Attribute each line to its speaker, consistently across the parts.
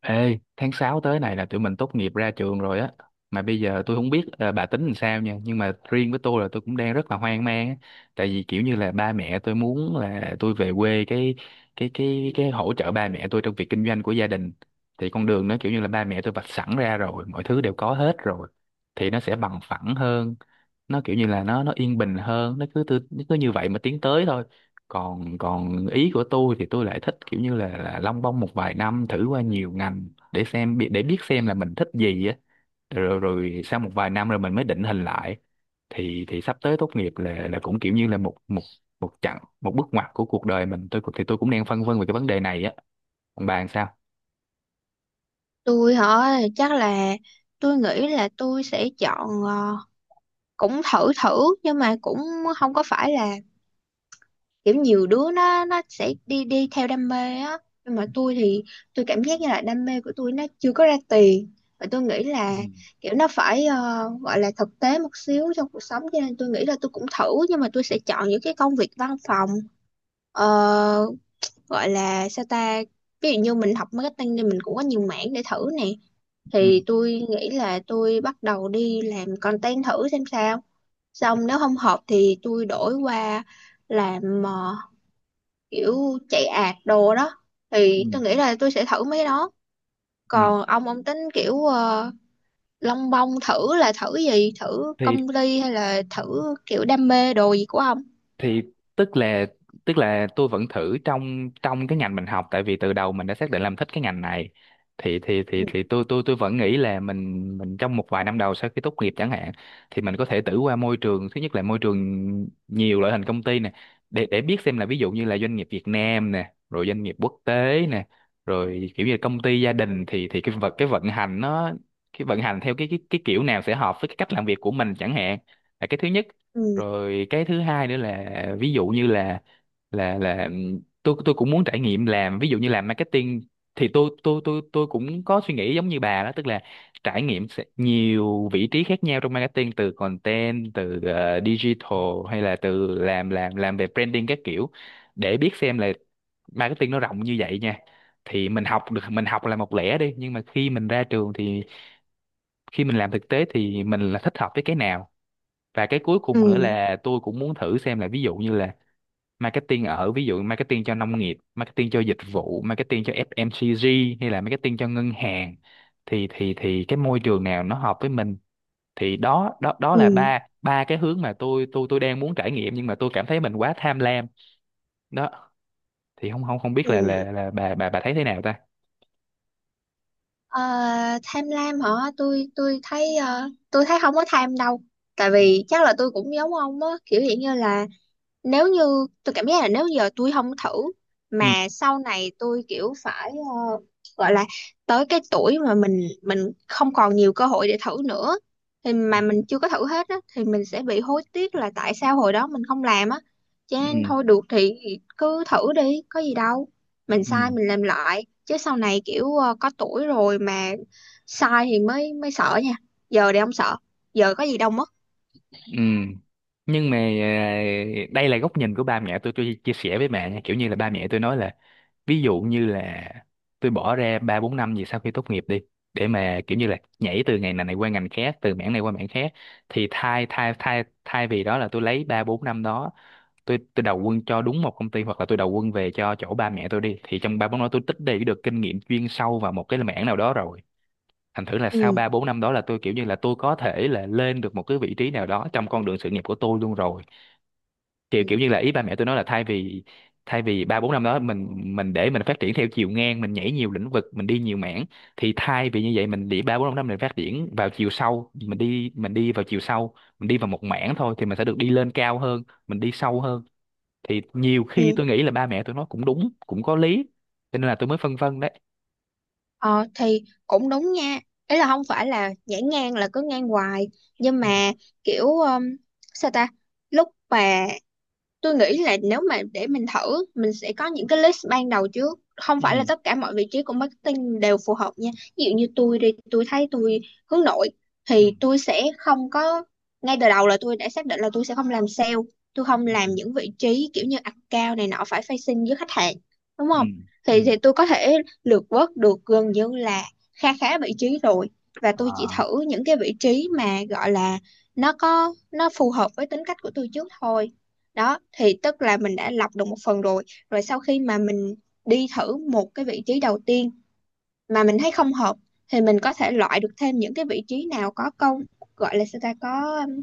Speaker 1: Ê, tháng 6 tới này là tụi mình tốt nghiệp ra trường rồi á. Mà bây giờ tôi không biết bà tính làm sao nha, nhưng mà riêng với tôi là tôi cũng đang rất là hoang mang á. Tại vì kiểu như là ba mẹ tôi muốn là tôi về quê cái cái hỗ trợ ba mẹ tôi trong việc kinh doanh của gia đình. Thì con đường nó kiểu như là ba mẹ tôi vạch sẵn ra rồi, mọi thứ đều có hết rồi. Thì nó sẽ bằng phẳng hơn, nó kiểu như là nó yên bình hơn, nó cứ như vậy mà tiến tới thôi, còn còn ý của tôi thì tôi lại thích kiểu như là lông bông một vài năm thử qua nhiều ngành để để biết xem là mình thích gì á, rồi rồi sau một vài năm rồi mình mới định hình lại. Thì sắp tới tốt nghiệp là cũng kiểu như là một một một chặng, một bước ngoặt của cuộc đời mình. Thì tôi cũng đang phân vân về cái vấn đề này á. Còn bạn sao?
Speaker 2: Tôi hả? Chắc là tôi nghĩ là tôi sẽ chọn, cũng thử thử, nhưng mà cũng không có phải là kiểu nhiều đứa nó sẽ đi đi theo đam mê á, nhưng mà tôi thì tôi cảm giác như là đam mê của tôi nó chưa có ra tiền và tôi nghĩ là
Speaker 1: Ừ.
Speaker 2: kiểu nó phải, gọi là thực tế một xíu trong cuộc sống, cho nên tôi nghĩ là tôi cũng thử nhưng mà tôi sẽ chọn những cái công việc văn phòng. Ờ, Gọi là sao ta, ví dụ như mình học marketing thì mình cũng có nhiều mảng để thử nè,
Speaker 1: Ừ.
Speaker 2: thì tôi nghĩ là tôi bắt đầu đi làm content thử xem sao, xong nếu không hợp thì tôi đổi qua làm, kiểu chạy ad đồ đó. Thì
Speaker 1: Ừ.
Speaker 2: tôi nghĩ là tôi sẽ thử mấy cái đó.
Speaker 1: ừ
Speaker 2: Còn ông tính kiểu, lông bông thử là thử gì, thử
Speaker 1: thì
Speaker 2: công ty hay là thử kiểu đam mê đồ gì của ông?
Speaker 1: thì tức là tức là tôi vẫn thử trong trong cái ngành mình học, tại vì từ đầu mình đã xác định làm thích cái ngành này. Thì tôi tôi vẫn nghĩ là mình trong một vài năm đầu sau khi tốt nghiệp chẳng hạn, thì mình có thể thử qua môi trường. Thứ nhất là môi trường nhiều loại hình công ty nè, để biết xem là ví dụ như là doanh nghiệp Việt Nam nè, rồi doanh nghiệp quốc tế nè, rồi kiểu như là công ty gia đình. Thì cái vận hành nó, cái vận hành theo cái kiểu nào sẽ hợp với cái cách làm việc của mình chẳng hạn, là cái thứ nhất.
Speaker 2: Ừ,
Speaker 1: Rồi cái thứ hai nữa là, ví dụ như là, tôi cũng muốn trải nghiệm làm, ví dụ như làm marketing, thì tôi cũng có suy nghĩ giống như bà đó, tức là trải nghiệm sẽ nhiều vị trí khác nhau trong marketing, từ content, từ digital, hay là từ làm về branding các kiểu, để biết xem là marketing nó rộng như vậy nha. Thì mình học được, mình học là một lẻ đi, nhưng mà khi mình ra trường thì khi mình làm thực tế thì mình là thích hợp với cái nào. Và cái cuối
Speaker 2: ừ,
Speaker 1: cùng nữa là tôi cũng muốn thử xem là, ví dụ như là marketing ở, ví dụ marketing cho nông nghiệp, marketing cho dịch vụ, marketing cho FMCG, hay là marketing cho ngân hàng, thì thì cái môi trường nào nó hợp với mình. Thì đó đó đó
Speaker 2: ừ.
Speaker 1: là ba, ba cái hướng mà tôi tôi đang muốn trải nghiệm, nhưng mà tôi cảm thấy mình quá tham lam. Đó, thì không không không biết là là
Speaker 2: Ừ.
Speaker 1: là bà bà thấy thế nào ta.
Speaker 2: Ờ, Tham lam hả? Tôi thấy, tôi thấy không có tham đâu. Tại vì chắc là tôi cũng giống ông á, kiểu hiện như là nếu như tôi cảm giác là nếu giờ tôi không thử
Speaker 1: Ừ.
Speaker 2: mà sau này tôi kiểu phải, gọi là tới cái tuổi mà mình không còn nhiều cơ hội để thử nữa, thì mà mình chưa có thử hết á thì mình sẽ bị hối tiếc là tại sao hồi đó mình không làm á, cho nên
Speaker 1: Ừ.
Speaker 2: thôi được thì cứ thử đi có gì đâu, mình sai
Speaker 1: Ừ.
Speaker 2: mình làm lại chứ sau này kiểu, có tuổi rồi mà sai thì mới mới sợ nha, giờ thì không sợ, giờ có gì đâu mất.
Speaker 1: Ừ. Nhưng mà à, đây là góc nhìn của ba mẹ tôi chia sẻ với mẹ nha, kiểu như là ba mẹ tôi nói là, ví dụ như là tôi bỏ ra ba bốn năm gì sau khi tốt nghiệp đi, để mà kiểu như là nhảy từ ngành này này qua ngành khác, từ mảng này qua mảng khác, thì thay thay thay thay vì đó là tôi lấy ba bốn năm đó, tôi đầu quân cho đúng một công ty, hoặc là tôi đầu quân về cho chỗ ba mẹ tôi đi, thì trong ba bốn năm đó tôi tích lũy được kinh nghiệm chuyên sâu vào một cái mảng nào đó rồi. Thành thử là sau
Speaker 2: Ừ.
Speaker 1: ba bốn năm đó là tôi kiểu như là tôi có thể là lên được một cái vị trí nào đó trong con đường sự nghiệp của tôi luôn rồi. Kiểu kiểu như là ý ba mẹ tôi nói là, thay vì ba bốn năm đó mình, để mình phát triển theo chiều ngang, mình nhảy nhiều lĩnh vực, mình đi nhiều mảng, thì thay vì như vậy mình để ba bốn năm mình phát triển vào chiều sâu, mình đi vào chiều sâu, mình đi vào một mảng thôi, thì mình sẽ được đi lên cao hơn, mình đi sâu hơn. Thì nhiều khi
Speaker 2: Ừ.
Speaker 1: tôi nghĩ là ba mẹ tôi nói cũng đúng, cũng có lý. Cho nên là tôi mới phân vân đấy.
Speaker 2: Ờ thì cũng đúng nha. Ý là không phải là nhảy ngang là cứ ngang hoài. Nhưng
Speaker 1: Ừ.
Speaker 2: mà kiểu, sao ta. Lúc mà tôi nghĩ là nếu mà để mình thử, mình sẽ có những cái list ban đầu trước, không
Speaker 1: Ừ.
Speaker 2: phải là tất cả mọi vị trí của marketing đều phù hợp nha. Ví dụ như tôi đi tôi thấy tôi hướng nội
Speaker 1: Ừ.
Speaker 2: thì tôi sẽ không có, ngay từ đầu là tôi đã xác định là tôi sẽ không làm sale, tôi không
Speaker 1: Ừ.
Speaker 2: làm những vị trí kiểu như account này nọ phải facing với khách hàng, đúng
Speaker 1: Ừ.
Speaker 2: không?
Speaker 1: Ừ.
Speaker 2: Thì tôi có thể lược vớt được gần như là kha khá vị trí rồi, và tôi chỉ
Speaker 1: À.
Speaker 2: thử những cái vị trí mà gọi là nó có nó phù hợp với tính cách của tôi trước thôi. Đó thì tức là mình đã lọc được một phần rồi, rồi sau khi mà mình đi thử một cái vị trí đầu tiên mà mình thấy không hợp thì mình có thể loại được thêm những cái vị trí nào có công, gọi là sao ta, có,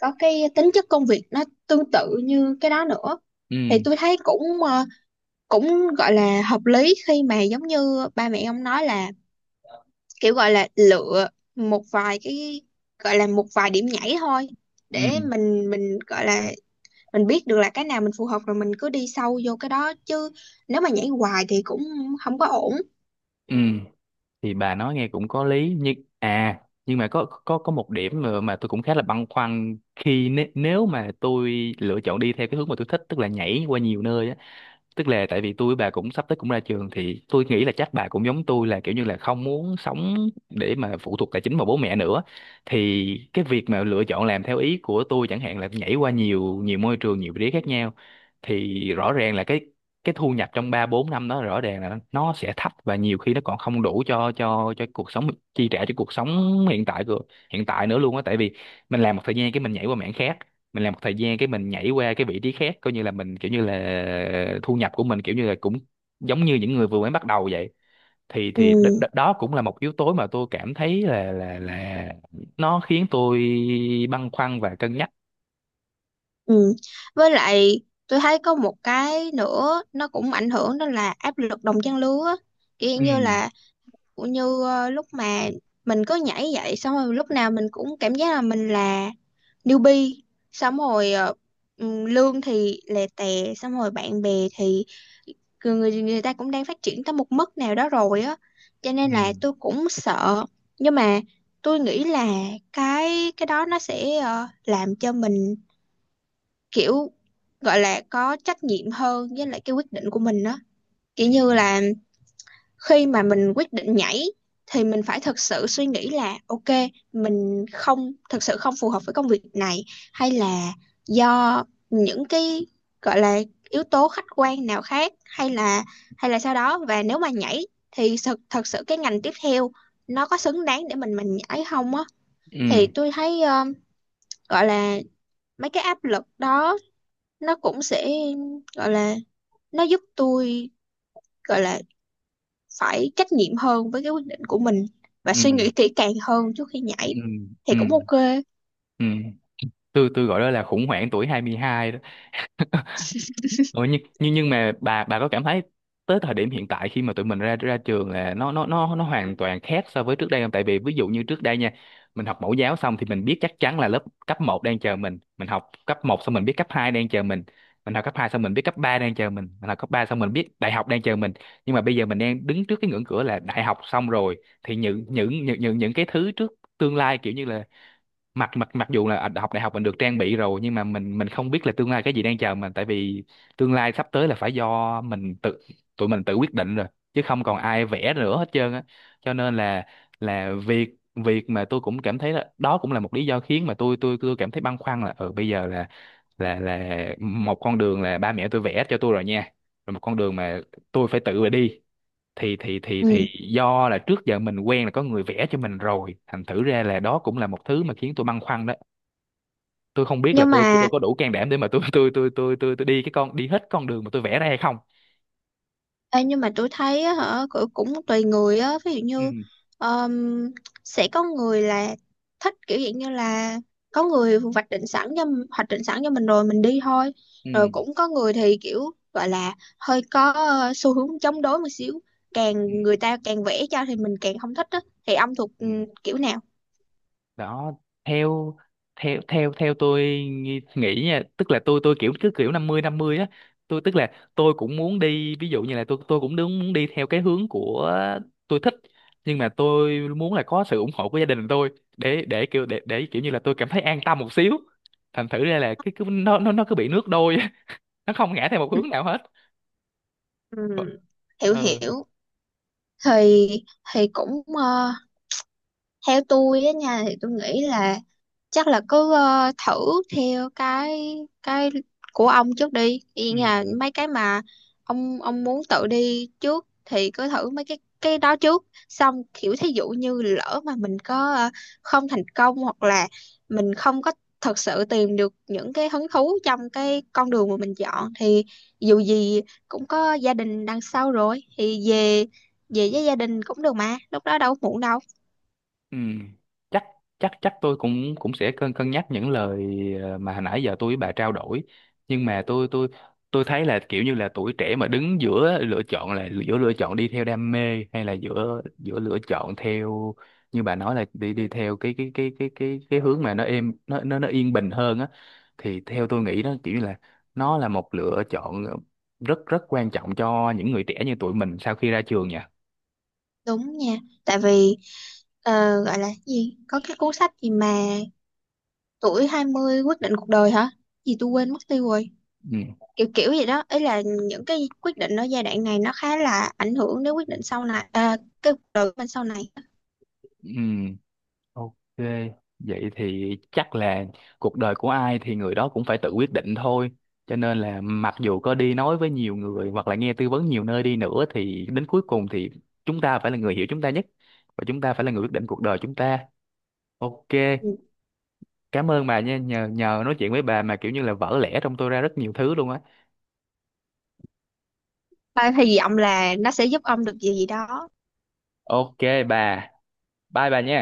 Speaker 2: có cái tính chất công việc nó tương tự như cái đó nữa. Thì
Speaker 1: Ừ.
Speaker 2: tôi thấy cũng, cũng gọi là hợp lý khi mà giống như ba mẹ ông nói là kiểu gọi là lựa một vài cái, gọi là một vài điểm nhảy thôi, để
Speaker 1: Ừ.
Speaker 2: mình gọi là mình biết được là cái nào mình phù hợp rồi mình cứ đi sâu vô cái đó, chứ nếu mà nhảy hoài thì cũng không có ổn.
Speaker 1: Ừ. Thì bà nói nghe cũng có lý, nhưng à, nhưng mà có có một điểm mà tôi cũng khá là băn khoăn, khi nếu, nếu mà tôi lựa chọn đi theo cái hướng mà tôi thích, tức là nhảy qua nhiều nơi á, tức là tại vì tôi với bà cũng sắp tới cũng ra trường, thì tôi nghĩ là chắc bà cũng giống tôi, là kiểu như là không muốn sống để mà phụ thuộc tài chính vào bố mẹ nữa. Thì cái việc mà lựa chọn làm theo ý của tôi, chẳng hạn là nhảy qua nhiều nhiều môi trường, nhiều vị trí khác nhau, thì rõ ràng là cái thu nhập trong 3 4 năm đó rõ ràng là nó sẽ thấp, và nhiều khi nó còn không đủ cho cuộc sống, chi trả cho cuộc sống hiện tại hiện tại nữa luôn á. Tại vì mình làm một thời gian cái mình nhảy qua mảng khác, mình làm một thời gian cái mình nhảy qua cái vị trí khác, coi như là mình kiểu như là thu nhập của mình kiểu như là cũng giống như những người vừa mới bắt đầu vậy. Thì thì đ, đ,
Speaker 2: Ừ,
Speaker 1: đó cũng là một yếu tố mà tôi cảm thấy là là nó khiến tôi băn khoăn và cân nhắc.
Speaker 2: ừ. Với lại tôi thấy có một cái nữa nó cũng ảnh hưởng, đó là áp lực đồng trang lứa á, kiểu
Speaker 1: Ừ.
Speaker 2: như là cũng như, lúc mà mình cứ nhảy vậy xong rồi lúc nào mình cũng cảm giác là mình là newbie, xong rồi, lương thì lè tè, xong rồi bạn bè thì người người người ta cũng đang phát triển tới một mức nào đó rồi á, cho nên
Speaker 1: Ừ.
Speaker 2: là tôi cũng sợ. Nhưng mà tôi nghĩ là cái đó nó sẽ, làm cho mình kiểu gọi là có trách nhiệm hơn với lại cái quyết định của mình đó, kiểu như
Speaker 1: Ừ.
Speaker 2: là khi mà mình quyết định nhảy thì mình phải thật sự suy nghĩ là ok, mình không, thật sự không phù hợp với công việc này, hay là do những cái gọi là yếu tố khách quan nào khác, hay là, sau đó, và nếu mà nhảy thì thật thật sự cái ngành tiếp theo nó có xứng đáng để mình nhảy không á. Thì
Speaker 1: Ừ.
Speaker 2: tôi thấy, gọi là mấy cái áp lực đó nó cũng sẽ, gọi là nó giúp tôi, gọi là phải trách nhiệm hơn với cái quyết định của mình và suy nghĩ kỹ càng hơn trước khi nhảy,
Speaker 1: Ừ.
Speaker 2: thì
Speaker 1: Ừ.
Speaker 2: cũng ok.
Speaker 1: Ừ. Tôi gọi đó là khủng hoảng tuổi 22 đó. Ủa, nhưng, nhưng mà bà có cảm thấy tới thời điểm hiện tại, khi mà tụi mình ra ra trường, là nó hoàn toàn khác so với trước đây không? Tại vì ví dụ như trước đây nha, mình học mẫu giáo xong thì mình biết chắc chắn là lớp cấp một đang chờ mình học cấp một xong mình biết cấp 2 đang chờ mình học cấp 2 xong mình biết cấp 3 đang chờ mình học cấp 3 xong mình biết đại học đang chờ mình. Nhưng mà bây giờ mình đang đứng trước cái ngưỡng cửa là đại học xong rồi, thì những cái thứ trước tương lai kiểu như là, mặc mặc mặc dù là học đại học mình được trang bị rồi, nhưng mà mình không biết là tương lai cái gì đang chờ mình. Tại vì tương lai sắp tới là phải do mình tự, tụi mình tự quyết định rồi, chứ không còn ai vẽ nữa hết trơn á. Cho nên là việc, mà tôi cũng cảm thấy là đó cũng là một lý do khiến mà tôi cảm thấy băn khoăn, là ừ bây giờ là, một con đường là ba mẹ tôi vẽ cho tôi rồi nha, rồi một con đường mà tôi phải tự mà đi.
Speaker 2: Ừ.
Speaker 1: Thì Do là trước giờ mình quen là có người vẽ cho mình rồi, thành thử ra là đó cũng là một thứ mà khiến tôi băn khoăn đó. Tôi không biết là
Speaker 2: nhưng
Speaker 1: tôi
Speaker 2: mà
Speaker 1: có đủ can đảm để mà tôi đi hết con đường mà tôi vẽ ra hay không.
Speaker 2: nhưng mà tôi thấy á, hả, cũng cũng tùy người á. Ví dụ
Speaker 1: Ừ.
Speaker 2: như, ờm, sẽ có người là thích kiểu dạng như là có người hoạch định sẵn cho mình rồi mình đi thôi, rồi
Speaker 1: Ừ.
Speaker 2: cũng có người thì kiểu gọi là hơi có, xu hướng chống đối một xíu,
Speaker 1: Ừ.
Speaker 2: càng người ta càng vẽ cho thì mình càng không thích á, thì ông thuộc,
Speaker 1: Ừ.
Speaker 2: kiểu nào?
Speaker 1: Đó, theo theo tôi nghĩ nha, tức là tôi kiểu cứ kiểu năm mươi á. Tôi tức là tôi cũng muốn đi, ví dụ như là tôi cũng đúng muốn đi theo cái hướng của tôi thích, nhưng mà tôi muốn là có sự ủng hộ của gia đình tôi, để kiểu như là tôi cảm thấy an tâm một xíu. Thành thử ra là cái cứ nó cứ bị nước đôi á, nó không ngã theo một
Speaker 2: Ừ.
Speaker 1: hướng nào hết.
Speaker 2: Ừ,
Speaker 1: Có-
Speaker 2: hiểu,
Speaker 1: Ừ.
Speaker 2: hiểu. Thì thì cũng, theo tôi á nha, thì tôi nghĩ là chắc là cứ, thử theo cái cái của ông trước đi, ý
Speaker 1: Ừ.
Speaker 2: là mấy cái mà ông muốn tự đi trước thì cứ thử mấy cái đó trước, xong kiểu thí dụ như lỡ mà mình có, không thành công hoặc là mình không có thật sự tìm được những cái hứng thú trong cái con đường mà mình chọn thì dù gì cũng có gia đình đằng sau rồi, thì về, với gia đình cũng được mà, lúc đó đâu có muộn đâu.
Speaker 1: Ừ. chắc chắc chắc tôi cũng cũng sẽ cân cân nhắc những lời mà hồi nãy giờ tôi với bà trao đổi. Nhưng mà tôi tôi thấy là kiểu như là tuổi trẻ mà đứng giữa lựa chọn, là giữa lựa chọn đi theo đam mê, hay là giữa giữa lựa chọn theo như bà nói là đi đi theo cái hướng mà nó êm, nó yên bình hơn á, thì theo tôi nghĩ đó kiểu như là nó là một lựa chọn rất rất quan trọng cho những người trẻ như tụi mình sau khi ra trường nha.
Speaker 2: Đúng nha, tại vì, ờ, gọi là cái gì, có cái cuốn sách gì mà tuổi 20 quyết định cuộc đời hả? Gì tôi quên mất tiêu rồi.
Speaker 1: Ừ.
Speaker 2: Kiểu kiểu gì đó, ý là những cái quyết định ở giai đoạn này nó khá là ảnh hưởng đến quyết định sau này, à, cái cuộc đời của mình sau này.
Speaker 1: Ừ. Ok, vậy thì chắc là cuộc đời của ai thì người đó cũng phải tự quyết định thôi. Cho nên là mặc dù có đi nói với nhiều người hoặc là nghe tư vấn nhiều nơi đi nữa, thì đến cuối cùng thì chúng ta phải là người hiểu chúng ta nhất, và chúng ta phải là người quyết định cuộc đời chúng ta. Ok,
Speaker 2: Ừ.
Speaker 1: cảm ơn bà nha, nhờ nhờ nói chuyện với bà mà kiểu như là vỡ lẽ trong tôi ra rất nhiều thứ luôn á.
Speaker 2: Ba hy vọng là nó sẽ giúp ông được gì gì đó.
Speaker 1: Ok bà, bye bà nha.